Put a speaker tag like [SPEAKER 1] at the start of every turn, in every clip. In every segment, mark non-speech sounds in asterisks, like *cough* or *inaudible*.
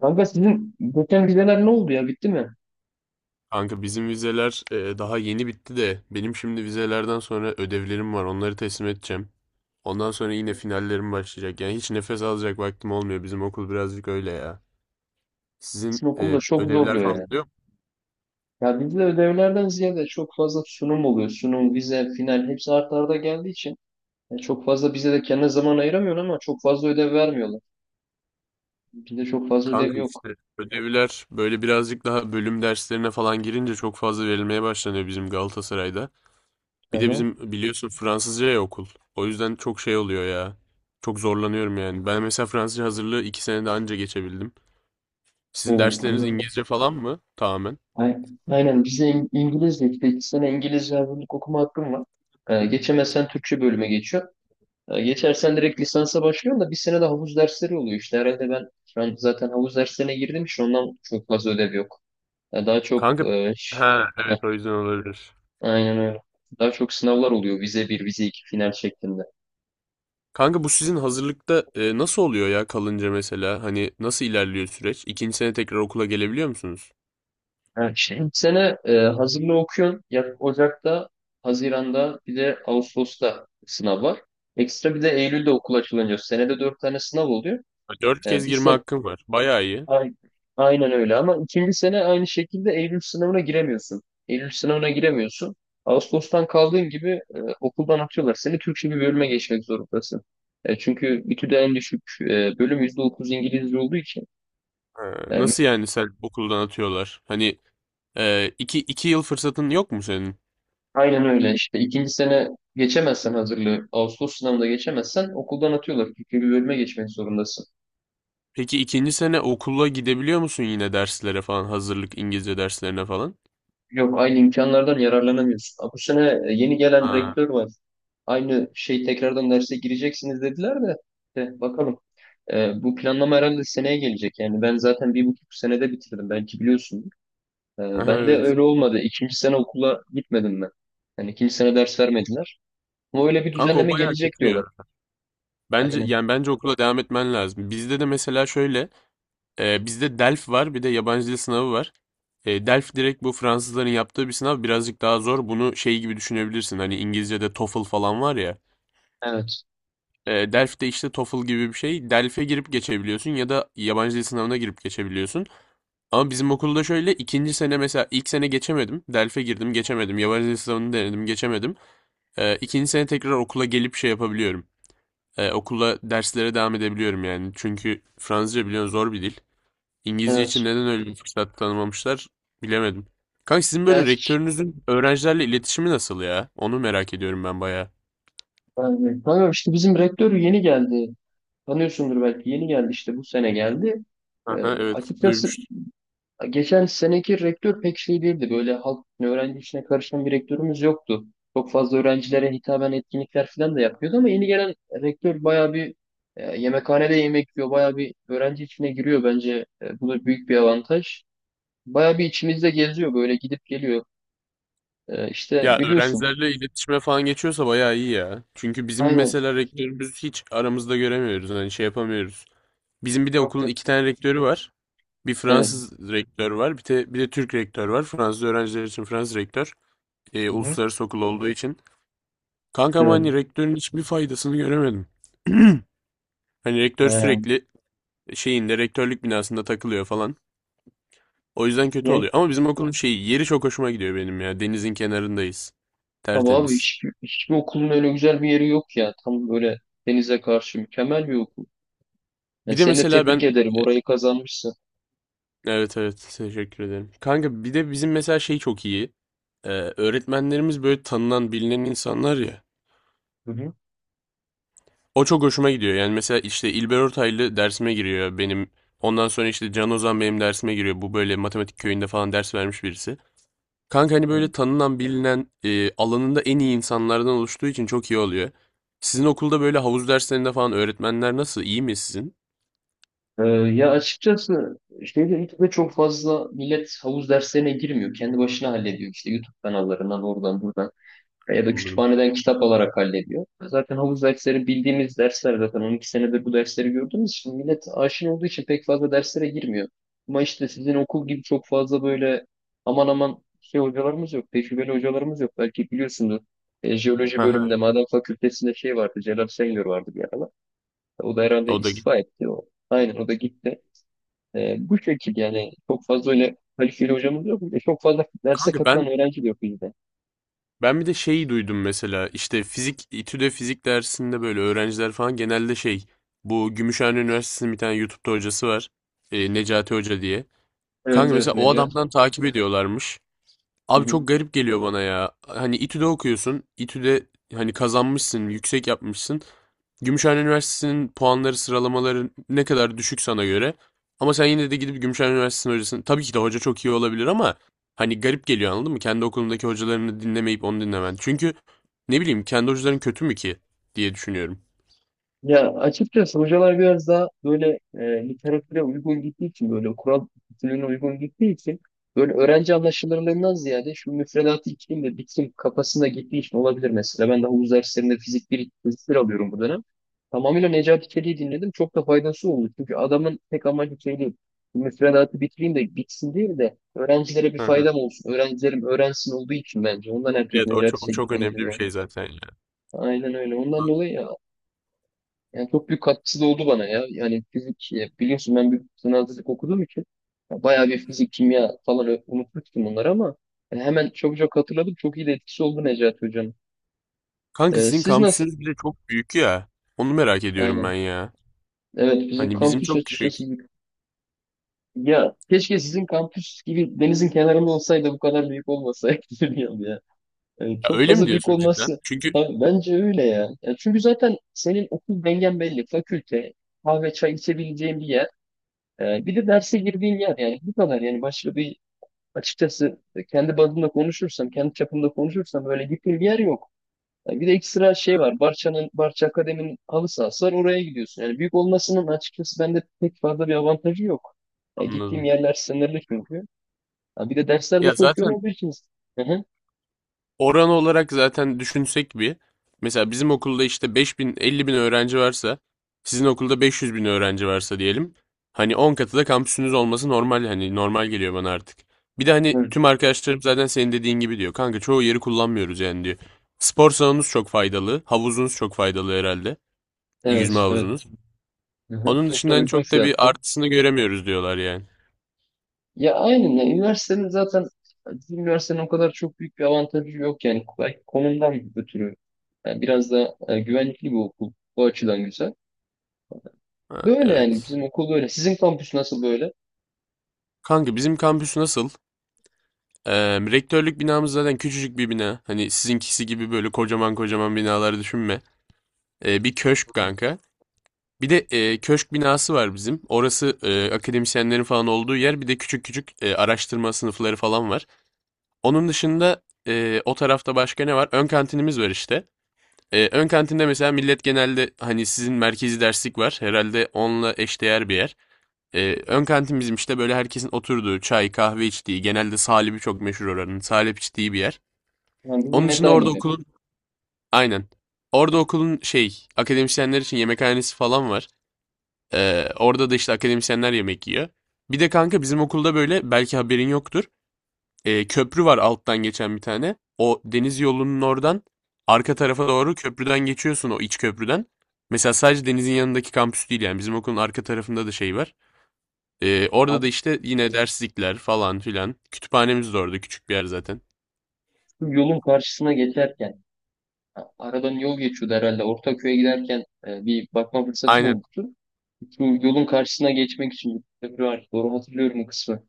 [SPEAKER 1] Kanka sizin geçen vizeler ne oldu ya bitti mi?
[SPEAKER 2] Kanka bizim vizeler daha yeni bitti de benim şimdi vizelerden sonra ödevlerim var. Onları teslim edeceğim. Ondan sonra yine finallerim başlayacak. Yani hiç nefes alacak vaktim olmuyor. Bizim okul birazcık öyle ya.
[SPEAKER 1] Sizin
[SPEAKER 2] Sizin
[SPEAKER 1] okulda çok
[SPEAKER 2] ödevler
[SPEAKER 1] zorluyor
[SPEAKER 2] falan
[SPEAKER 1] ya.
[SPEAKER 2] oluyor mu?
[SPEAKER 1] Ya bizde ödevlerden ziyade çok fazla sunum oluyor. Sunum, vize, final hepsi art arda geldiği için ya çok fazla bize de kendine zaman ayıramıyorsun ama çok fazla ödev vermiyorlar. Bizde çok fazla ödev
[SPEAKER 2] Kanka
[SPEAKER 1] yok.
[SPEAKER 2] işte ödevler böyle birazcık daha bölüm derslerine falan girince çok fazla verilmeye başlanıyor bizim Galatasaray'da.
[SPEAKER 1] Hı
[SPEAKER 2] Bir de
[SPEAKER 1] hı.
[SPEAKER 2] bizim biliyorsun Fransızca ya okul. O yüzden çok şey oluyor ya. Çok zorlanıyorum yani. Ben mesela Fransızca hazırlığı 2 senede anca geçebildim. Sizin
[SPEAKER 1] Oo,
[SPEAKER 2] dersleriniz
[SPEAKER 1] kanka.
[SPEAKER 2] İngilizce falan mı? Tamamen.
[SPEAKER 1] Ay- Aynen bize İngilizce işte 2 sene İngilizce yazılık okuma hakkım var. Geçemezsen Türkçe bölüme geçiyor. Geçersen direkt lisansa başlıyorsun da bir sene de havuz dersleri oluyor işte. Herhalde ben şu an zaten havuz derslerine girdim işte ondan çok fazla ödev yok. Ya daha çok
[SPEAKER 2] Kanka, ha
[SPEAKER 1] heh,
[SPEAKER 2] evet o yüzden olabilir.
[SPEAKER 1] aynen öyle. Daha çok sınavlar oluyor. Vize bir vize iki final şeklinde.
[SPEAKER 2] Kanka bu sizin hazırlıkta nasıl oluyor ya kalınca mesela? Hani nasıl ilerliyor süreç? İkinci sene tekrar okula gelebiliyor musunuz?
[SPEAKER 1] Evet, işte. İlk sene hazırlığı okuyorsun. Ya Ocak'ta, Haziran'da bir de Ağustos'ta sınav var. Ekstra bir de Eylül'de okul açılınca senede 4 tane sınav oluyor.
[SPEAKER 2] Ha, Dört
[SPEAKER 1] E,
[SPEAKER 2] kez
[SPEAKER 1] bir,
[SPEAKER 2] girme
[SPEAKER 1] sen,
[SPEAKER 2] hakkım var. Bayağı iyi.
[SPEAKER 1] Aynen, aynen öyle ama ikinci sene aynı şekilde Eylül sınavına giremiyorsun. Eylül sınavına giremiyorsun. Ağustos'tan kaldığın gibi okuldan atıyorlar. Seni Türkçe bir bölüme geçmek zorundasın. Çünkü İTÜ'de en düşük bölüm %30 İngilizce olduğu için.
[SPEAKER 2] Ha,
[SPEAKER 1] e,
[SPEAKER 2] nasıl yani sen okuldan atıyorlar? Hani iki yıl fırsatın yok mu senin?
[SPEAKER 1] aynen öyle işte ikinci sene geçemezsen hazırlığı, Ağustos sınavında geçemezsen okuldan atıyorlar. Türkçe bir bölüme geçmek zorundasın.
[SPEAKER 2] Peki ikinci sene okula gidebiliyor musun yine derslere falan? Hazırlık İngilizce derslerine falan?
[SPEAKER 1] Yok aynı imkanlardan yararlanamıyorsun. Ha, bu sene yeni gelen
[SPEAKER 2] Ha.
[SPEAKER 1] rektör var. Aynı şey tekrardan derse gireceksiniz dediler de. De bakalım. Bu planlama herhalde seneye gelecek. Yani ben zaten 1,5 senede bitirdim. Belki biliyorsun.
[SPEAKER 2] Aha,
[SPEAKER 1] Ben de
[SPEAKER 2] evet.
[SPEAKER 1] öyle olmadı. İkinci sene okula gitmedim ben. Yani ikinci sene ders vermediler. Ama öyle bir
[SPEAKER 2] Kanka o
[SPEAKER 1] düzenleme
[SPEAKER 2] bayağı
[SPEAKER 1] gelecek
[SPEAKER 2] kötü ya.
[SPEAKER 1] diyorlar.
[SPEAKER 2] Bence
[SPEAKER 1] Aynen.
[SPEAKER 2] yani bence okula devam etmen lazım. Bizde de mesela şöyle, bizde DELF var, bir de yabancı dil sınavı var. DELF direkt bu Fransızların yaptığı bir sınav, birazcık daha zor. Bunu şey gibi düşünebilirsin. Hani İngilizce'de TOEFL falan var ya.
[SPEAKER 1] Evet.
[SPEAKER 2] DELF de işte TOEFL gibi bir şey. DELF'e girip geçebiliyorsun ya da yabancı dil sınavına girip geçebiliyorsun. Ama bizim okulda şöyle ikinci sene mesela ilk sene geçemedim. DELF'e girdim, geçemedim. Yabancı dil sınavını denedim, geçemedim. İkinci sene tekrar okula gelip şey yapabiliyorum. Okula derslere devam edebiliyorum yani. Çünkü Fransızca biliyorsun zor bir dil. İngilizce için
[SPEAKER 1] Evet.
[SPEAKER 2] neden öyle bir fırsat tanımamışlar bilemedim. Kanka sizin
[SPEAKER 1] Ya,
[SPEAKER 2] böyle rektörünüzün öğrencilerle iletişimi nasıl ya? Onu merak ediyorum ben bayağı.
[SPEAKER 1] yani, tamam işte bizim rektör yeni geldi. Tanıyorsundur belki. Yeni geldi işte bu sene geldi. Ee,
[SPEAKER 2] Aha, evet
[SPEAKER 1] Açıkçası
[SPEAKER 2] duymuştum.
[SPEAKER 1] geçen seneki rektör pek şey değildi. Böyle halk öğrenci işine karışan bir rektörümüz yoktu. Çok fazla öğrencilere hitaben etkinlikler falan da yapıyordu ama yeni gelen rektör bayağı bir yemekhanede yemek yiyor. Bayağı bir öğrenci içine giriyor bence. Bu da büyük bir avantaj. Bayağı bir içimizde geziyor böyle gidip geliyor. İşte
[SPEAKER 2] Ya
[SPEAKER 1] biliyorsun.
[SPEAKER 2] öğrencilerle iletişime falan geçiyorsa bayağı iyi ya. Çünkü bizim
[SPEAKER 1] Aynen.
[SPEAKER 2] mesela rektörümüz hiç aramızda göremiyoruz. Hani şey yapamıyoruz. Bizim bir de
[SPEAKER 1] Yok
[SPEAKER 2] okulun
[SPEAKER 1] yok.
[SPEAKER 2] 2 tane rektörü var. Bir
[SPEAKER 1] Evet.
[SPEAKER 2] Fransız rektör var. Bir de Türk rektör var. Fransız öğrenciler için Fransız rektör.
[SPEAKER 1] Hı hı.
[SPEAKER 2] Uluslararası okul olduğu için. Kankam
[SPEAKER 1] Evet.
[SPEAKER 2] hani rektörün hiçbir faydasını göremedim. *clears throat* Hani rektör
[SPEAKER 1] Ha.
[SPEAKER 2] sürekli şeyinde rektörlük binasında takılıyor falan. O yüzden kötü
[SPEAKER 1] Yani,
[SPEAKER 2] oluyor. Ama bizim okulun şeyi yeri çok hoşuma gidiyor benim ya. Denizin kenarındayız.
[SPEAKER 1] tabii abi
[SPEAKER 2] Tertemiz.
[SPEAKER 1] hiçbir okulun öyle güzel bir yeri yok ya. Tam böyle denize karşı mükemmel bir okul. Yani
[SPEAKER 2] Bir de
[SPEAKER 1] seni de
[SPEAKER 2] mesela ben
[SPEAKER 1] tebrik ederim.
[SPEAKER 2] e,
[SPEAKER 1] Orayı kazanmışsın.
[SPEAKER 2] evet evet teşekkür ederim. Kanka bir de bizim mesela şey çok iyi. Öğretmenlerimiz böyle tanınan bilinen insanlar ya.
[SPEAKER 1] Hı hı.
[SPEAKER 2] O çok hoşuma gidiyor. Yani mesela işte İlber Ortaylı dersime giriyor benim. Ondan sonra işte Can Ozan benim dersime giriyor. Bu böyle matematik köyünde falan ders vermiş birisi. Kanka hani böyle
[SPEAKER 1] Evet.
[SPEAKER 2] tanınan, bilinen, alanında en iyi insanlardan oluştuğu için çok iyi oluyor. Sizin okulda böyle havuz derslerinde falan öğretmenler nasıl? İyi mi sizin?
[SPEAKER 1] Ya açıkçası şeyde YouTube'da çok fazla millet havuz derslerine girmiyor. Kendi başına hallediyor. İşte YouTube kanallarından oradan buradan. Ya da
[SPEAKER 2] Anladım.
[SPEAKER 1] kütüphaneden kitap alarak hallediyor. Zaten havuz dersleri bildiğimiz dersler zaten 12 senedir bu dersleri gördüğümüz için millet aşina olduğu için pek fazla derslere girmiyor. Ama işte sizin okul gibi çok fazla böyle aman aman şey hocalarımız yok, tecrübeli hocalarımız yok. Belki biliyorsunuz jeoloji bölümünde
[SPEAKER 2] Aha,
[SPEAKER 1] maden fakültesinde şey vardı, Celal Şengör vardı bir aralar. O da herhalde
[SPEAKER 2] o da git.
[SPEAKER 1] istifa etti. O. Aynen o da gitti. Bu şekilde yani çok fazla öyle kaliteli hocamız yok. Bir de çok fazla derse
[SPEAKER 2] Kanka
[SPEAKER 1] katılan
[SPEAKER 2] ben
[SPEAKER 1] öğrenci de yok bizde.
[SPEAKER 2] ben bir de şeyi duydum mesela işte fizik İTÜ'de fizik dersinde böyle öğrenciler falan genelde şey bu Gümüşhane Üniversitesi'nin bir tane YouTube'da hocası var. Necati Hoca diye.
[SPEAKER 1] Evet
[SPEAKER 2] Kanka mesela
[SPEAKER 1] evet
[SPEAKER 2] o
[SPEAKER 1] Necat.
[SPEAKER 2] adamdan takip ediyorlarmış.
[SPEAKER 1] Hı
[SPEAKER 2] Abi
[SPEAKER 1] hı.
[SPEAKER 2] çok garip geliyor bana ya. Hani İTÜ'de okuyorsun. İTÜ'de hani kazanmışsın, yüksek yapmışsın. Gümüşhane Üniversitesi'nin puanları, sıralamaları ne kadar düşük sana göre. Ama sen yine de gidip Gümüşhane Üniversitesi'nin hocasını... Tabii ki de hoca çok iyi olabilir ama hani garip geliyor anladın mı? Kendi okulundaki hocalarını dinlemeyip onu dinlemen. Çünkü ne bileyim kendi hocaların kötü mü ki diye düşünüyorum.
[SPEAKER 1] Ya açıkçası hocalar biraz daha böyle literatüre uygun gittiği için böyle Kur'an bütünlüğüne uygun gittiği için böyle öğrenci anlaşılırlığından ziyade şu müfredatı içeyim de bitsin kafasında gittiği için olabilir mesela. Ben de havuz derslerinde fizik bir alıyorum bu dönem. Tamamıyla Necati Çelik'i dinledim. Çok da faydası oldu. Çünkü adamın tek amacı şey değil. Müfredatı bitireyim de bitsin değil de öğrencilere bir
[SPEAKER 2] Hı hı.
[SPEAKER 1] faydam olsun. Öğrencilerim öğrensin olduğu için bence. Ondan herkes
[SPEAKER 2] Evet o
[SPEAKER 1] Necati
[SPEAKER 2] çok, o çok
[SPEAKER 1] Çelik'ten
[SPEAKER 2] önemli bir
[SPEAKER 1] dinliyor.
[SPEAKER 2] şey zaten ya.
[SPEAKER 1] Aynen öyle. Ondan dolayı yani çok büyük katkısı da oldu bana ya. Yani fizik biliyorsun ben bir sınav fizik okuduğum için ya bayağı bir fizik, kimya falan unutmuştum bunları ama hemen çok çok hatırladım. Çok iyi de etkisi oldu Necati Hocam.
[SPEAKER 2] Kanka sizin
[SPEAKER 1] Siz nasıl?
[SPEAKER 2] kampüsünüz bile çok büyük ya. Onu merak ediyorum ben
[SPEAKER 1] Aynen.
[SPEAKER 2] ya.
[SPEAKER 1] Evet bizim
[SPEAKER 2] Hani bizim
[SPEAKER 1] kampüs
[SPEAKER 2] çok küçük.
[SPEAKER 1] açıkçası ya keşke sizin kampüs gibi denizin kenarında olsaydı bu kadar büyük olmasaydı *laughs* bilmiyorum ya. Yani
[SPEAKER 2] Ya
[SPEAKER 1] çok
[SPEAKER 2] öyle mi
[SPEAKER 1] fazla büyük
[SPEAKER 2] diyorsun cidden?
[SPEAKER 1] olması.
[SPEAKER 2] Çünkü
[SPEAKER 1] Ha, bence öyle ya. Ya çünkü zaten senin okul dengen belli. Fakülte, kahve, çay içebileceğin bir yer. Bir de derse girdiğin yer yani bu kadar yani başka bir açıkçası kendi bazımda konuşursam, kendi çapımda konuşursam böyle gittiğim bir yer yok. Yani bir de ekstra şey var. Barça'nın, Barça Akademi'nin halı sahası var. Oraya gidiyorsun. Yani büyük olmasının açıkçası bende pek fazla bir avantajı yok. Yani gittiğim
[SPEAKER 2] anladım.
[SPEAKER 1] yerler sınırlı çünkü. Ha, bir de dersler de
[SPEAKER 2] Ya
[SPEAKER 1] çok yoğun
[SPEAKER 2] zaten
[SPEAKER 1] olduğu için. Hı hı.
[SPEAKER 2] oran olarak zaten düşünsek bir. Mesela bizim okulda işte 5000 bin, 50 bin öğrenci varsa, sizin okulda 500 bin öğrenci varsa diyelim. Hani 10 katı da kampüsünüz olması normal hani normal geliyor bana artık. Bir de hani
[SPEAKER 1] Hı.
[SPEAKER 2] tüm arkadaşlarım zaten senin dediğin gibi diyor. Kanka çoğu yeri kullanmıyoruz yani diyor. Spor salonunuz çok faydalı, havuzunuz çok faydalı herhalde. Yüzme
[SPEAKER 1] Evet, evet.
[SPEAKER 2] havuzunuz.
[SPEAKER 1] Hı hı.
[SPEAKER 2] Onun
[SPEAKER 1] Çok da
[SPEAKER 2] dışında hani
[SPEAKER 1] uygun
[SPEAKER 2] çok da bir
[SPEAKER 1] fiyatlı.
[SPEAKER 2] artısını göremiyoruz diyorlar yani.
[SPEAKER 1] Ya aynen ya. Üniversitenin zaten bizim üniversitenin o kadar çok büyük bir avantajı yok yani belki konumdan ötürü. Yani biraz da güvenlikli bir okul. Bu açıdan güzel.
[SPEAKER 2] Ha,
[SPEAKER 1] Böyle yani
[SPEAKER 2] evet.
[SPEAKER 1] bizim okul böyle. Sizin kampüs nasıl böyle?
[SPEAKER 2] Kanka bizim kampüs nasıl? Ee, rektörlük binamız zaten küçücük bir bina. Hani sizinkisi gibi böyle kocaman kocaman binalar düşünme. Bir köşk kanka. Bir de köşk binası var bizim. Orası akademisyenlerin falan olduğu yer. Bir de küçük küçük araştırma sınıfları falan var. Onun dışında o tarafta başka ne var? Ön kantinimiz var işte. Ön kantinde mesela millet genelde hani sizin merkezi derslik var. Herhalde onunla eşdeğer bir yer. Ön kantin bizim işte böyle herkesin oturduğu, çay, kahve içtiği, genelde salebi çok meşhur oranın. Salep içtiği bir yer.
[SPEAKER 1] Yani bizim
[SPEAKER 2] Onun dışında
[SPEAKER 1] meta
[SPEAKER 2] orada
[SPEAKER 1] gibi.
[SPEAKER 2] okulun, aynen. Orada okulun şey, akademisyenler için yemekhanesi falan var. Orada da işte akademisyenler yemek yiyor. Bir de kanka bizim okulda böyle belki haberin yoktur köprü var alttan geçen bir tane. O deniz yolunun oradan arka tarafa doğru köprüden geçiyorsun o iç köprüden. Mesela sadece denizin yanındaki kampüs değil yani bizim okulun arka tarafında da şey var. Orada
[SPEAKER 1] Abi
[SPEAKER 2] da işte yine derslikler falan filan. Kütüphanemiz de orada küçük bir yer zaten.
[SPEAKER 1] şu yolun karşısına geçerken ha, aradan yol geçiyordu herhalde. Ortaköy'e giderken bir bakma fırsatım
[SPEAKER 2] Aynen.
[SPEAKER 1] olmuştu. Şu yolun karşısına geçmek için bir köprü var. Doğru hatırlıyorum o kısmı.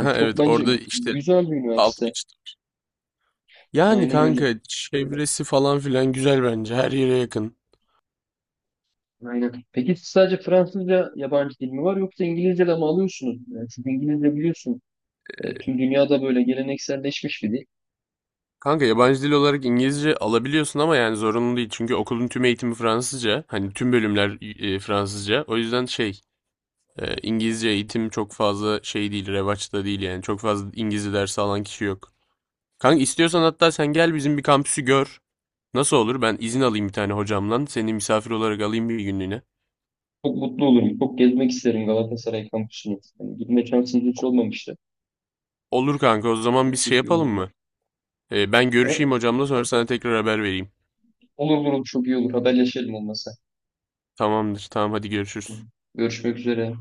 [SPEAKER 1] Yani çok
[SPEAKER 2] evet
[SPEAKER 1] bence
[SPEAKER 2] orada işte
[SPEAKER 1] güzel bir
[SPEAKER 2] alt
[SPEAKER 1] üniversite.
[SPEAKER 2] geçit. Yani
[SPEAKER 1] Aynen öyle.
[SPEAKER 2] kanka çevresi falan filan güzel bence her yere yakın.
[SPEAKER 1] Aynen. Peki siz sadece Fransızca yabancı dil mi var yoksa İngilizce de mi alıyorsunuz? Yani çünkü İngilizce biliyorsun tüm dünyada böyle gelenekselleşmiş bir dil.
[SPEAKER 2] Kanka yabancı dil olarak İngilizce alabiliyorsun ama yani zorunlu değil. Çünkü okulun tüm eğitimi Fransızca. Hani tüm bölümler Fransızca. O yüzden şey İngilizce eğitim çok fazla şey değil. Revaçta değil yani. Çok fazla İngilizce dersi alan kişi yok. Kanka istiyorsan hatta sen gel bizim bir kampüsü gör. Nasıl olur? Ben izin alayım bir tane hocamdan. Seni misafir olarak alayım bir günlüğüne.
[SPEAKER 1] Çok mutlu olurum. Çok gezmek isterim Galatasaray kampüsünü. Yani gitme şansımız hiç olmamıştı.
[SPEAKER 2] Olur kanka o zaman
[SPEAKER 1] Çok
[SPEAKER 2] biz şey
[SPEAKER 1] çok iyi
[SPEAKER 2] yapalım
[SPEAKER 1] olur.
[SPEAKER 2] mı? Ben görüşeyim
[SPEAKER 1] Tamam.
[SPEAKER 2] hocamla sonra sana tekrar haber vereyim.
[SPEAKER 1] Olur olur olur, çok iyi olur. Haberleşelim olmasa.
[SPEAKER 2] Tamamdır. Tamam hadi görüşürüz.
[SPEAKER 1] Görüşmek üzere.